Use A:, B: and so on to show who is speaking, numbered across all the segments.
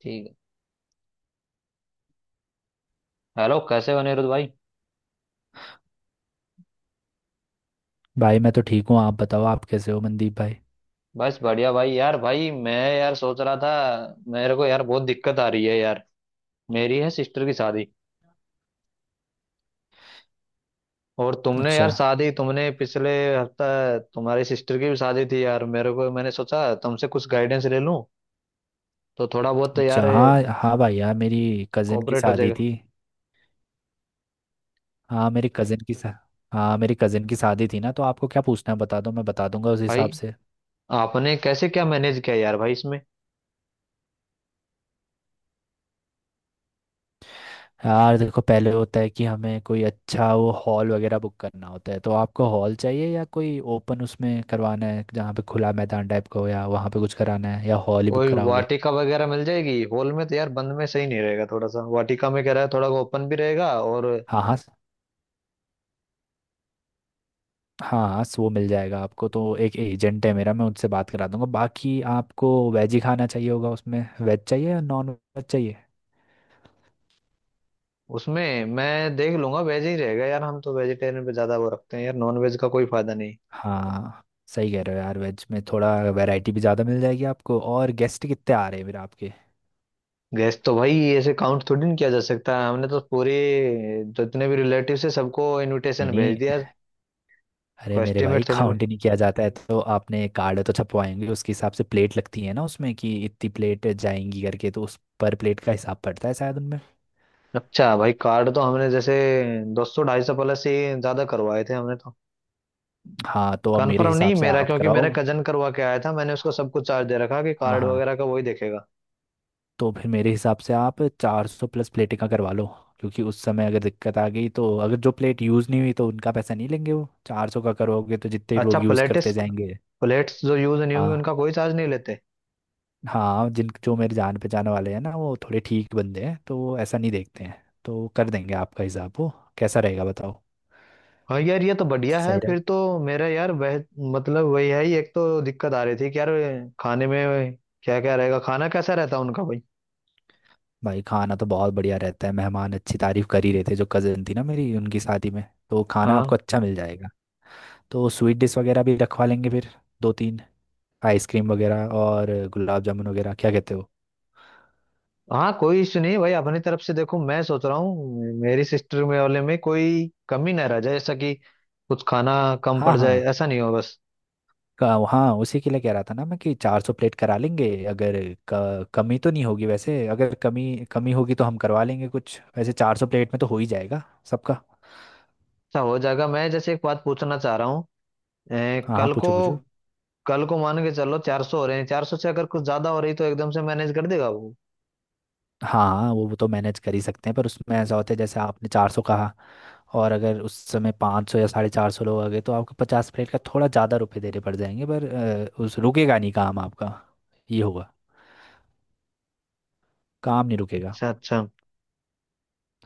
A: ठीक है। हेलो, कैसे हो अनिरुद्ध भाई।
B: भाई मैं तो ठीक हूँ। आप बताओ, आप कैसे हो मनदीप भाई?
A: बस बढ़िया भाई। यार भाई मैं यार सोच रहा था, मेरे को यार बहुत दिक्कत आ रही है यार। मेरी है सिस्टर की शादी। और तुमने
B: अच्छा।
A: यार शादी तुमने पिछले हफ्ता, तुम्हारी सिस्टर की भी शादी थी यार। मेरे को मैंने सोचा तुमसे कुछ गाइडेंस ले लूं तो थोड़ा बहुत तो यार
B: अच्छा। हाँ हाँ भाई यार, मेरी कज़न की
A: कोऑपरेट हो
B: शादी
A: जाएगा।
B: थी। हाँ मेरी कज़न की शा- हाँ मेरी कज़न की शादी थी ना, तो आपको क्या पूछना है बता दो, मैं बता दूंगा उस
A: भाई
B: हिसाब से।
A: आपने कैसे क्या मैनेज किया यार भाई इसमें।
B: यार देखो, पहले होता है कि हमें कोई अच्छा वो हॉल वगैरह बुक करना होता है। तो आपको हॉल चाहिए या कोई ओपन उसमें करवाना है जहाँ पे खुला मैदान टाइप का हो, या वहाँ पे कुछ कराना है, या हॉल ही बुक
A: कोई
B: कराओगे?
A: वाटिका वगैरह मिल जाएगी हॉल में तो यार? बंद में सही नहीं रहेगा, थोड़ा सा वाटिका में कह रहा है थोड़ा ओपन भी रहेगा और।
B: हाँ हाँ। हाँ वो मिल जाएगा आपको, तो एक एजेंट है मेरा, मैं उनसे बात करा दूंगा। बाकी आपको वेज ही खाना चाहिए होगा उसमें। वेज चाहिए या नॉन वेज चाहिए?
A: उसमें मैं देख लूंगा, वेज ही रहेगा यार। हम तो वेजिटेरियन पे ज्यादा वो रखते हैं यार, नॉन वेज का कोई फायदा नहीं।
B: हाँ। सही कह रहे हो यार, वेज में थोड़ा वैरायटी भी ज़्यादा मिल जाएगी आपको। और गेस्ट कितने आ रहे हैं फिर आपके?
A: गैस तो भाई ऐसे काउंट थोड़ी ना किया जा सकता है, हमने तो पूरे जितने भी रिलेटिव है सबको
B: नहीं
A: इनविटेशन भेज
B: नहीं,
A: दिया।
B: अरे
A: कोई
B: मेरे भाई,
A: एस्टिमेट थोड़ी भाई।
B: काउंट ही नहीं किया जाता है तो? आपने कार्ड तो छपवाएंगे, उसके हिसाब से प्लेट लगती है ना उसमें, कि इतनी प्लेट जाएंगी करके, तो उस पर प्लेट का हिसाब पड़ता है शायद उनमें।
A: अच्छा भाई कार्ड तो हमने जैसे 200 250 प्लस ही ज्यादा करवाए थे हमने तो।
B: हाँ तो अब मेरे
A: कन्फर्म नहीं
B: हिसाब से
A: मेरा,
B: आप
A: क्योंकि
B: कराओ।
A: मेरा कजन करवा के आया था, मैंने उसको सब कुछ चार्ज दे रखा कि
B: हाँ
A: कार्ड वगैरह
B: हाँ।
A: का वही देखेगा।
B: तो फिर मेरे हिसाब से आप 400 प्लस प्लेटें का करवा लो। क्योंकि उस समय अगर दिक्कत आ गई तो अगर जो प्लेट यूज़ नहीं हुई तो उनका पैसा नहीं लेंगे। वो 400 का करोगे तो जितने
A: अच्छा,
B: लोग यूज़
A: प्लेटिस
B: करते जाएंगे।
A: प्लेट्स जो यूज नहीं होंगी
B: हाँ।
A: उनका कोई चार्ज नहीं लेते?
B: हाँ जिन जो मेरे जान पहचान वाले हैं ना, वो थोड़े ठीक बंदे हैं, तो वो ऐसा नहीं देखते हैं, तो कर देंगे आपका हिसाब वो। कैसा रहेगा बताओ?
A: हाँ यार ये तो बढ़िया है
B: सही रहे।
A: फिर तो मेरा यार वह मतलब वही है ही। एक तो दिक्कत आ रही थी कि यार खाने में क्या क्या रहेगा, खाना कैसा रहता है उनका भाई?
B: भाई खाना तो बहुत बढ़िया रहता है, मेहमान अच्छी तारीफ कर ही रहे थे जो कज़न थी ना मेरी उनकी शादी में। तो खाना
A: हाँ
B: आपको अच्छा मिल जाएगा। तो स्वीट डिश वगैरह भी रखवा लेंगे फिर। दो तीन आइसक्रीम वगैरह और गुलाब जामुन वगैरह, क्या कहते हो?
A: हाँ, कोई इश्यू नहीं भाई। अपनी तरफ से देखो मैं सोच रहा हूँ मेरी सिस्टर में वाले में कोई कमी ना रह जाए ऐसा कि कुछ खाना कम
B: हाँ
A: पड़ जाए,
B: हाँ।
A: ऐसा नहीं हो बस।
B: हाँ उसी के लिए कह रहा था ना मैं, कि 400 प्लेट करा लेंगे अगर, कमी तो नहीं होगी वैसे। अगर कमी कमी होगी तो हम करवा लेंगे कुछ, वैसे 400 प्लेट में तो हो ही जाएगा सबका।
A: अच्छा हो जाएगा। मैं जैसे एक बात पूछना चाह रहा हूँ अ,
B: हाँ हाँ
A: कल को
B: पूछो पूछो।
A: कल को मान के चलो 400 हो रहे हैं, 400 से अगर कुछ ज्यादा हो रही तो एकदम से मैनेज कर देगा वो?
B: हाँ हाँ, वो तो मैनेज कर ही सकते हैं, पर उसमें ऐसा होता है जैसे आपने 400 कहा, और अगर उस समय 500 या 450 लोग आ गए तो आपको 50 प्लेट का थोड़ा ज़्यादा रुपए देने पड़ जाएंगे, पर उस रुकेगा नहीं काम आपका। ये होगा। काम नहीं रुकेगा।
A: अच्छा अच्छा।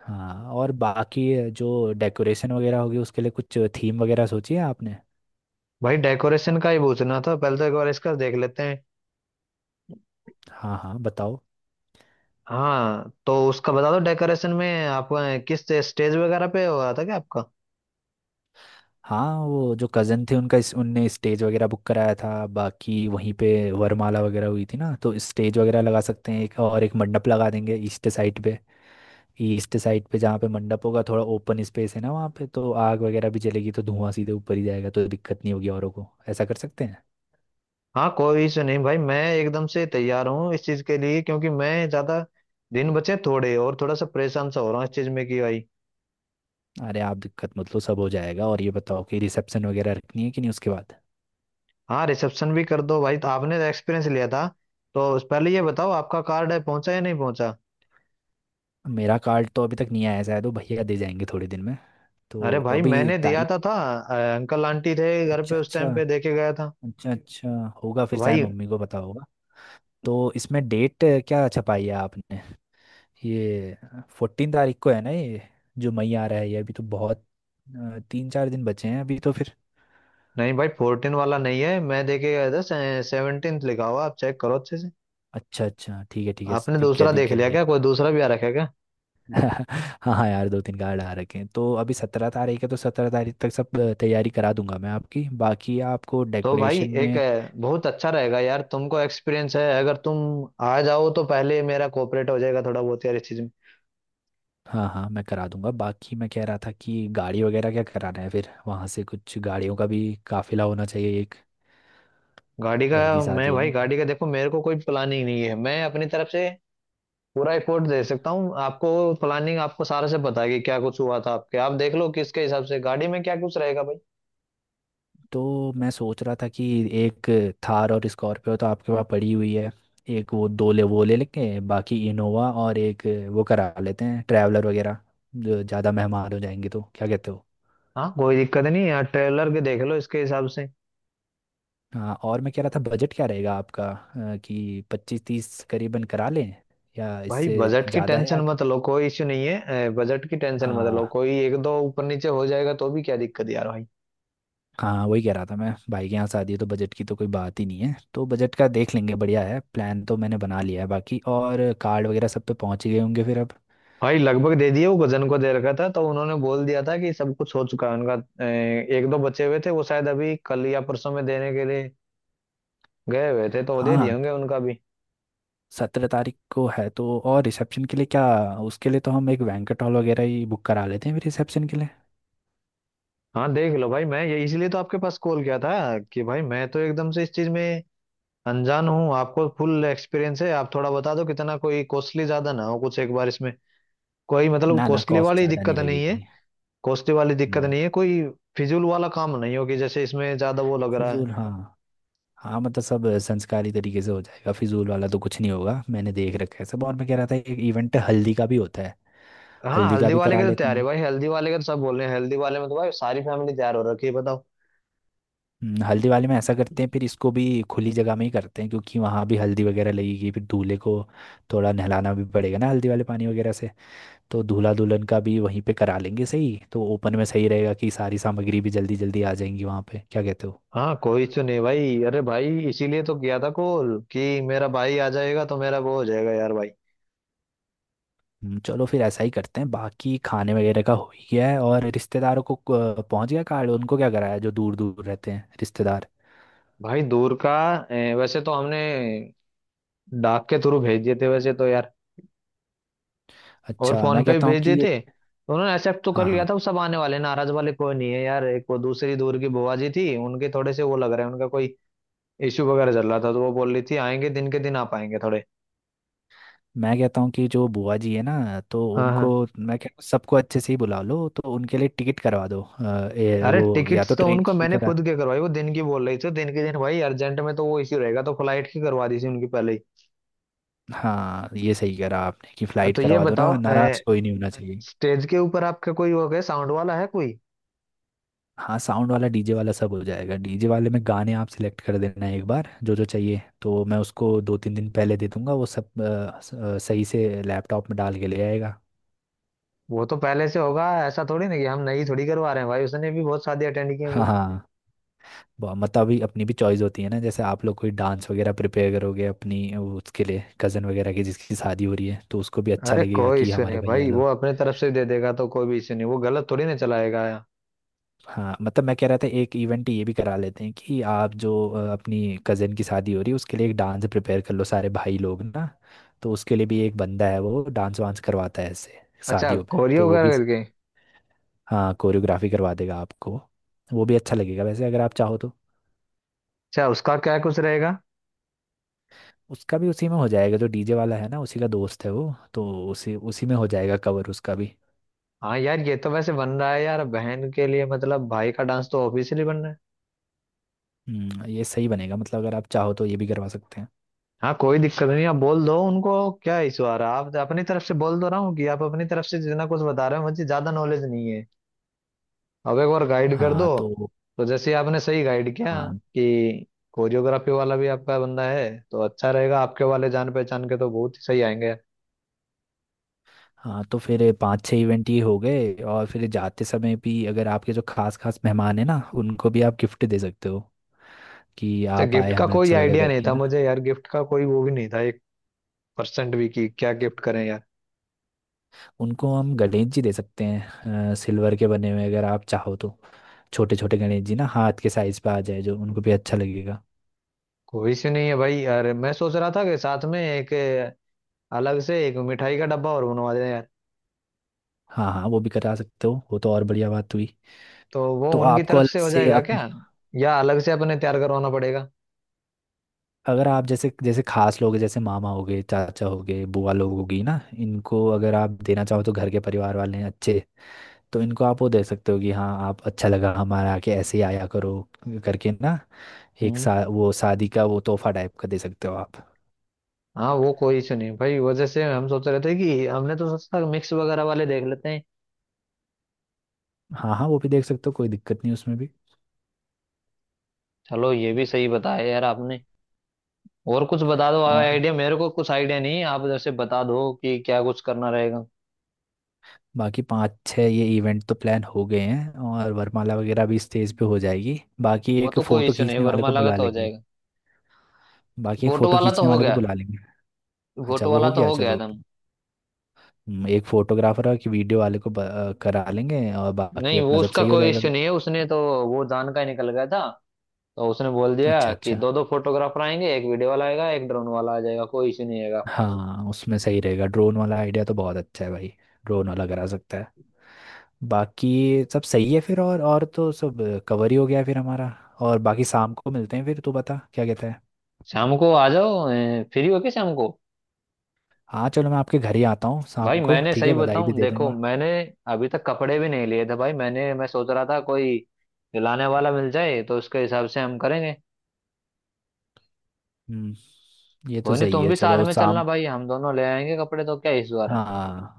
B: हाँ और बाकी जो डेकोरेशन वगैरह होगी उसके लिए कुछ थीम वगैरह सोची है आपने?
A: भाई डेकोरेशन का ही पूछना था, पहले तो एक बार इसका देख लेते हैं।
B: हाँ हाँ बताओ।
A: हाँ तो उसका बता दो, डेकोरेशन में आप किस स्टेज वगैरह पे हो रहा था क्या आपका?
B: हाँ वो जो कज़न थे उनका उनने स्टेज वगैरह बुक कराया था, बाकी वहीं पे वरमाला वगैरह हुई थी ना, तो स्टेज वगैरह लगा सकते हैं एक, और एक मंडप लगा देंगे ईस्ट साइड पे। ईस्ट साइड पे जहाँ पे मंडप होगा, थोड़ा ओपन स्पेस है ना वहाँ पे, तो आग वगैरह भी जलेगी तो धुआं सीधे ऊपर ही जाएगा, तो दिक्कत नहीं होगी औरों को, ऐसा कर सकते हैं।
A: हाँ कोई इशू नहीं भाई, मैं एकदम से तैयार हूँ इस चीज के लिए। क्योंकि मैं ज्यादा दिन बचे थोड़े और थोड़ा सा परेशान सा हो रहा हूँ इस चीज में कि भाई।
B: अरे आप दिक्कत मत लो, सब हो जाएगा। और ये बताओ कि रिसेप्शन वगैरह रखनी है कि नहीं उसके बाद?
A: हाँ रिसेप्शन भी कर दो भाई, तो आपने तो एक्सपीरियंस लिया था। तो पहले ये बताओ, आपका कार्ड है पहुंचा या नहीं पहुंचा?
B: मेरा कार्ड तो अभी तक नहीं आया है, शायद वो भैया दे जाएंगे थोड़े दिन में।
A: अरे
B: तो
A: भाई
B: अभी
A: मैंने दिया
B: तारीख।
A: था अंकल आंटी थे घर
B: अच्छा
A: पे उस
B: अच्छा।
A: टाइम पे देके गया था
B: अच्छा अच्छा, होगा फिर, शायद
A: भाई।
B: मम्मी को पता होगा। तो इसमें डेट क्या छपाई है आपने ये? 14 तारीख को है ना ये? जो मई आ रहा है ये, अभी तो बहुत तीन चार दिन बचे हैं अभी तो फिर।
A: नहीं भाई 14 वाला नहीं है, मैं देखे गया था 17 लिखा हुआ, आप चेक करो अच्छे से।
B: अच्छा अच्छा, ठीक है ठीक है,
A: आपने दूसरा
B: दिख
A: देख
B: गया
A: लिया
B: ये।
A: क्या, कोई दूसरा भी आ रखा है क्या?
B: हाँ हाँ यार, दो तीन कार्ड आ रखे हैं तो, अभी 17 तारीख है तो 17 तारीख तक सब तैयारी करा दूंगा मैं आपकी, बाकी आपको
A: तो भाई
B: डेकोरेशन
A: एक
B: में।
A: बहुत अच्छा रहेगा यार, तुमको एक्सपीरियंस है अगर तुम आ जाओ तो पहले मेरा कोऑपरेट हो जाएगा थोड़ा बहुत यार इस चीज में।
B: हाँ हाँ मैं करा दूंगा। बाकी मैं कह रहा था कि गाड़ी वगैरह क्या कराना है फिर, वहाँ से कुछ गाड़ियों का भी काफिला होना चाहिए एक,
A: गाड़ी का
B: घर की
A: मैं
B: शादी है
A: भाई,
B: ना।
A: गाड़ी का देखो मेरे को कोई प्लानिंग नहीं है। मैं अपनी तरफ से पूरा रिपोर्ट दे सकता हूँ आपको। प्लानिंग आपको सारा से पता है कि क्या कुछ हुआ था, आपके आप देख लो किसके हिसाब से गाड़ी में क्या कुछ रहेगा भाई।
B: तो मैं सोच रहा था कि एक थार और स्कॉर्पियो तो आपके पास पड़ी हुई है, एक वो दो ले, वो ले लेंगे, बाकी इनोवा और एक वो करा लेते हैं ट्रैवलर वगैरह, जो ज़्यादा मेहमान हो जाएंगे, तो क्या कहते हो?
A: हाँ कोई दिक्कत नहीं यार, ट्रेलर के देख लो इसके हिसाब से।
B: हाँ, और मैं कह रहा था बजट क्या रहेगा आपका, कि पच्चीस तीस करीबन करा लें, या
A: भाई
B: इससे
A: बजट की
B: ज़्यादा है,
A: टेंशन
B: या?
A: मत लो, कोई इश्यू नहीं है, बजट की टेंशन मत लो।
B: हाँ।
A: कोई एक दो ऊपर नीचे हो जाएगा तो भी क्या दिक्कत यार भाई।
B: हाँ वही कह रहा था मैं, भाई के यहाँ शादी है तो बजट की तो कोई बात ही नहीं है, तो बजट का देख लेंगे, बढ़िया है। प्लान तो मैंने बना लिया है बाकी, और कार्ड वगैरह सब पे पहुँच ही गए होंगे फिर अब।
A: भाई लगभग दे दिए, वो गजन को दे रखा था तो उन्होंने बोल दिया था कि सब कुछ हो चुका है उनका। एक दो बचे हुए थे, वो शायद अभी कल या परसों में देने के लिए गए हुए थे तो वो दे दिए
B: हाँ
A: होंगे उनका भी।
B: 17 तारीख को है तो, और रिसेप्शन के लिए क्या? उसके लिए तो हम एक बैंक्वेट हॉल वगैरह ही बुक करा लेते हैं फिर रिसेप्शन के लिए।
A: हाँ देख लो भाई। मैं ये इसलिए तो आपके पास कॉल किया था कि भाई मैं तो एकदम से इस चीज में अनजान हूँ। आपको फुल एक्सपीरियंस है, आप थोड़ा बता दो कितना, कोई कॉस्टली ज्यादा ना हो कुछ एक बार इसमें। कोई मतलब
B: ना ना
A: कॉस्टली
B: कॉस्ट
A: वाली
B: ज़्यादा नहीं
A: दिक्कत नहीं है,
B: लगेगी।
A: कोस्ती वाली दिक्कत
B: हम्म।
A: नहीं है कोई। फिजूल वाला काम नहीं हो कि जैसे इसमें ज्यादा वो लग रहा है।
B: फिजूल, हाँ। हाँ मतलब सब संस्कारी तरीके से हो जाएगा, फिजूल वाला तो कुछ नहीं होगा, मैंने देख रखा है सब। और मैं कह रहा था एक इवेंट हल्दी का भी होता है।
A: हाँ
B: हल्दी का
A: हल्दी
B: भी
A: वाले के
B: करा
A: तो
B: लेते
A: तैयार है
B: हैं।
A: भाई, हल्दी वाले के तो सब बोल रहे हैं, हल्दी वाले में तो भाई सारी फैमिली तैयार हो रखी है, बताओ।
B: हल्दी वाले में ऐसा करते हैं फिर, इसको भी खुली जगह में ही करते हैं, क्योंकि वहाँ भी हल्दी वगैरह लगेगी फिर दूल्हे को थोड़ा नहलाना भी पड़ेगा ना हल्दी वाले पानी वगैरह से, तो दूल्हा दुल्हन का भी वहीं पे करा लेंगे। सही तो, ओपन में सही रहेगा कि सारी सामग्री भी जल्दी जल्दी आ जाएंगी वहाँ पे, क्या कहते हो?
A: हाँ कोई तो नहीं भाई। अरे भाई इसीलिए तो किया था कॉल कि मेरा भाई आ जाएगा तो मेरा वो हो जाएगा यार भाई।
B: चलो फिर ऐसा ही करते हैं। बाकी खाने वगैरह का हो ही गया है। और रिश्तेदारों को पहुंच गया कार्ड उनको, क्या कराया जो दूर दूर रहते हैं रिश्तेदार?
A: भाई दूर का वैसे तो हमने डाक के थ्रू भेज दिए थे वैसे तो यार। और
B: अच्छा
A: फोन
B: मैं
A: पे भी
B: कहता हूँ
A: भेज दिए
B: कि,
A: थे तो उन्होंने एक्सेप्ट तो कर
B: हाँ
A: लिया
B: हाँ।
A: था, वो सब आने वाले हैं। नाराज वाले कोई नहीं है यार, एक वो दूसरी दूर की बुआ जी थी उनके थोड़े से वो लग रहा है, उनका कोई इशू वगैरह चल रहा था तो वो बोल रही थी आएंगे दिन के दिन आप, आएंगे थोड़े।
B: मैं कहता हूँ कि जो बुआ जी है ना तो
A: हाँ
B: उनको,
A: हाँ,
B: मैं कहता हूँ सबको अच्छे से ही बुला लो, तो उनके लिए टिकट करवा दो
A: अरे
B: वो या तो
A: टिकट्स तो
B: ट्रेन
A: उनको
B: की
A: मैंने
B: करा।
A: खुद के करवाई। वो दिन की बोल रही थी दिन के दिन भाई, अर्जेंट में तो वो इश्यू रहेगा तो फ्लाइट की करवा दी थी उनकी पहले ही।
B: हाँ ये सही करा आपने कि फ्लाइट
A: तो ये
B: करवा दो
A: बताओ,
B: ना, नाराज कोई नहीं होना चाहिए।
A: स्टेज के ऊपर आपका कोई हो गया साउंड वाला है कोई?
B: हाँ साउंड वाला डीजे वाला सब हो जाएगा, डीजे वाले में गाने आप सिलेक्ट कर देना एक बार जो जो चाहिए, तो मैं उसको दो तीन दिन पहले दे दूंगा, वो सब सही से लैपटॉप में डाल के ले आएगा।
A: वो तो पहले से होगा, ऐसा थोड़ी ना कि हम नई थोड़ी करवा रहे हैं भाई। उसने भी बहुत शादी अटेंड की
B: हाँ
A: होंगी।
B: हाँ। मतलब अभी अपनी भी चॉइस होती है ना, जैसे आप लोग कोई डांस वगैरह प्रिपेयर करोगे अपनी वो, उसके लिए कज़न वगैरह की जिसकी शादी हो रही है तो उसको भी अच्छा
A: अरे
B: लगेगा
A: कोई
B: कि
A: इश्यू नहीं
B: हमारे
A: है
B: भैया
A: भाई, वो
B: लोग।
A: अपने तरफ से दे देगा तो कोई भी इश्यू नहीं, वो गलत थोड़ी ना चलाएगा या।
B: हाँ मतलब मैं कह रहा था एक इवेंट ये भी करा लेते हैं कि आप जो अपनी कज़न की शादी हो रही है उसके लिए एक डांस प्रिपेयर कर लो सारे भाई लोग ना, तो उसके लिए भी एक बंदा है वो डांस वांस करवाता है ऐसे
A: अच्छा,
B: शादियों में,
A: कोरियो
B: तो वो भी।
A: वगैरह करके?
B: हाँ कोरियोग्राफी करवा देगा आपको, वो भी अच्छा लगेगा वैसे, अगर आप चाहो तो।
A: अच्छा उसका क्या कुछ रहेगा?
B: उसका भी उसी में हो जाएगा जो डीजे वाला है ना, उसी का दोस्त है वो तो, उसी उसी में हो जाएगा कवर उसका भी।
A: हाँ यार ये तो वैसे बन रहा है यार बहन के लिए, मतलब भाई का डांस तो ऑफिशियली बन रहा है।
B: ये सही बनेगा, मतलब अगर आप चाहो तो ये भी करवा सकते हैं।
A: हाँ कोई दिक्कत नहीं, आप बोल दो उनको, क्या इशू आ रहा है। आप अपनी तरफ से बोल दो ना कि आप अपनी तरफ से जितना कुछ बता रहे हो, मुझे ज्यादा नॉलेज नहीं है। अब एक बार गाइड कर दो।
B: हाँ तो।
A: तो जैसे आपने सही गाइड किया
B: हाँ
A: कि कोरियोग्राफी वाला भी आपका बंदा है तो अच्छा रहेगा, आपके वाले जान पहचान के तो बहुत ही सही आएंगे।
B: हाँ तो फिर पांच छह इवेंट ये हो गए, और फिर जाते समय भी अगर आपके जो खास खास मेहमान हैं ना, उनको भी आप गिफ्ट दे सकते हो कि
A: अच्छा,
B: आप
A: गिफ्ट
B: आए
A: का
B: हमें
A: कोई
B: अच्छा लगा
A: आइडिया नहीं
B: करके
A: था
B: ना।
A: मुझे यार। गिफ्ट का कोई वो भी नहीं था, एक परसेंट भी कि क्या गिफ्ट करें यार।
B: उनको हम गणेश जी दे सकते हैं सिल्वर के बने हुए, अगर आप चाहो तो, छोटे छोटे गणेश जी ना हाथ के साइज पे आ जाए, जो उनको भी अच्छा लगेगा।
A: कोई से नहीं है भाई। अरे मैं सोच रहा था कि साथ में एक अलग से एक मिठाई का डब्बा और बनवा देना यार।
B: हाँ हाँ वो भी करा सकते हो, वो तो और बढ़िया बात हुई
A: तो वो
B: तो
A: उनकी
B: आपको
A: तरफ
B: अलग
A: से हो
B: से
A: जाएगा
B: अप,
A: क्या, या अलग से अपने तैयार करवाना पड़ेगा?
B: अगर आप जैसे जैसे खास लोग हैं, जैसे मामा हो गए चाचा हो गए बुआ लोग होगी ना इनको अगर आप देना चाहो तो घर के परिवार वाले हैं अच्छे तो इनको आप वो दे सकते हो कि हाँ आप अच्छा लगा हमारे आके ऐसे ही आया करो करके ना एक
A: हम्म।
B: सा वो शादी का वो तोहफा टाइप का दे सकते हो आप
A: हाँ वो कोई इशू नहीं भाई, वजह से हम सोच रहे थे कि हमने तो सोचा मिक्स वगैरह वाले देख लेते हैं।
B: हाँ हाँ वो भी देख सकते हो कोई दिक्कत नहीं उसमें भी।
A: चलो ये भी सही बताया यार आपने। और कुछ बता दो
B: और
A: आइडिया, मेरे को कुछ आइडिया नहीं है, आप जैसे बता दो कि क्या कुछ करना रहेगा।
B: बाकी पाँच छः ये इवेंट तो प्लान हो गए हैं, और वरमाला वगैरह भी स्टेज पे हो जाएगी, बाकी
A: वो
B: एक
A: तो कोई
B: फ़ोटो
A: इशू नहीं,
B: खींचने वाले को
A: वर्माला का
B: बुला
A: तो हो
B: लेंगे,
A: जाएगा।
B: बाकी एक
A: फोटो
B: फोटो
A: वाला तो
B: खींचने
A: हो
B: वाले को
A: गया,
B: बुला लेंगे। अच्छा
A: फोटो
B: वो
A: वाला
B: हो
A: तो
B: गया
A: हो गया
B: चलो।
A: था।
B: एक फोटोग्राफर और एक वीडियो वाले को करा लेंगे, और बाकी
A: नहीं वो
B: अपना सब
A: उसका
B: सही हो
A: कोई
B: जाएगा
A: इश्यू
B: फिर।
A: नहीं है, उसने तो वो जान का ही निकल गया था। तो उसने बोल दिया
B: अच्छा
A: कि
B: अच्छा।
A: दो दो फोटोग्राफर आएंगे, एक वीडियो वाला आएगा, एक ड्रोन वाला आ जाएगा, कोई इश्यू नहीं आएगा आपका।
B: हाँ उसमें सही रहेगा, ड्रोन वाला आइडिया तो बहुत अच्छा है भाई, ड्रोन वाला करा सकता है, बाकी सब सही है फिर। और तो सब कवर ही हो गया है फिर हमारा। और बाकी शाम को मिलते हैं फिर, तू बता क्या कहता है?
A: शाम को आ जाओ, फ्री हो के शाम को।
B: हाँ चलो मैं आपके घर ही आता हूँ
A: भाई
B: शाम को,
A: मैंने
B: ठीक
A: सही
B: है, बधाई भी
A: बताऊं,
B: दे
A: देखो
B: दूंगा।
A: मैंने अभी तक कपड़े भी नहीं लिए थे भाई। मैं सोच रहा था कोई लाने वाला मिल जाए तो उसके हिसाब से हम करेंगे।
B: हम्म ये तो
A: कोई नहीं,
B: सही
A: तुम
B: है,
A: भी साथ
B: चलो
A: में चलना
B: शाम।
A: भाई, हम दोनों ले आएंगे कपड़े, तो क्या इशू आ रहा है।
B: हाँ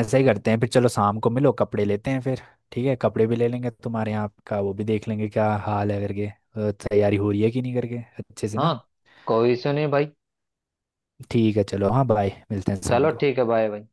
B: ऐसा ही करते हैं फिर, चलो शाम को मिलो, कपड़े लेते हैं फिर। ठीक है कपड़े भी ले लेंगे, तुम्हारे यहाँ का वो भी देख लेंगे क्या हाल है करके, तैयारी हो रही है कि नहीं करके अच्छे से ना।
A: हाँ कोई इशू नहीं भाई,
B: ठीक है चलो, हाँ बाय, मिलते हैं शाम
A: चलो
B: को।
A: ठीक है बाय भाई।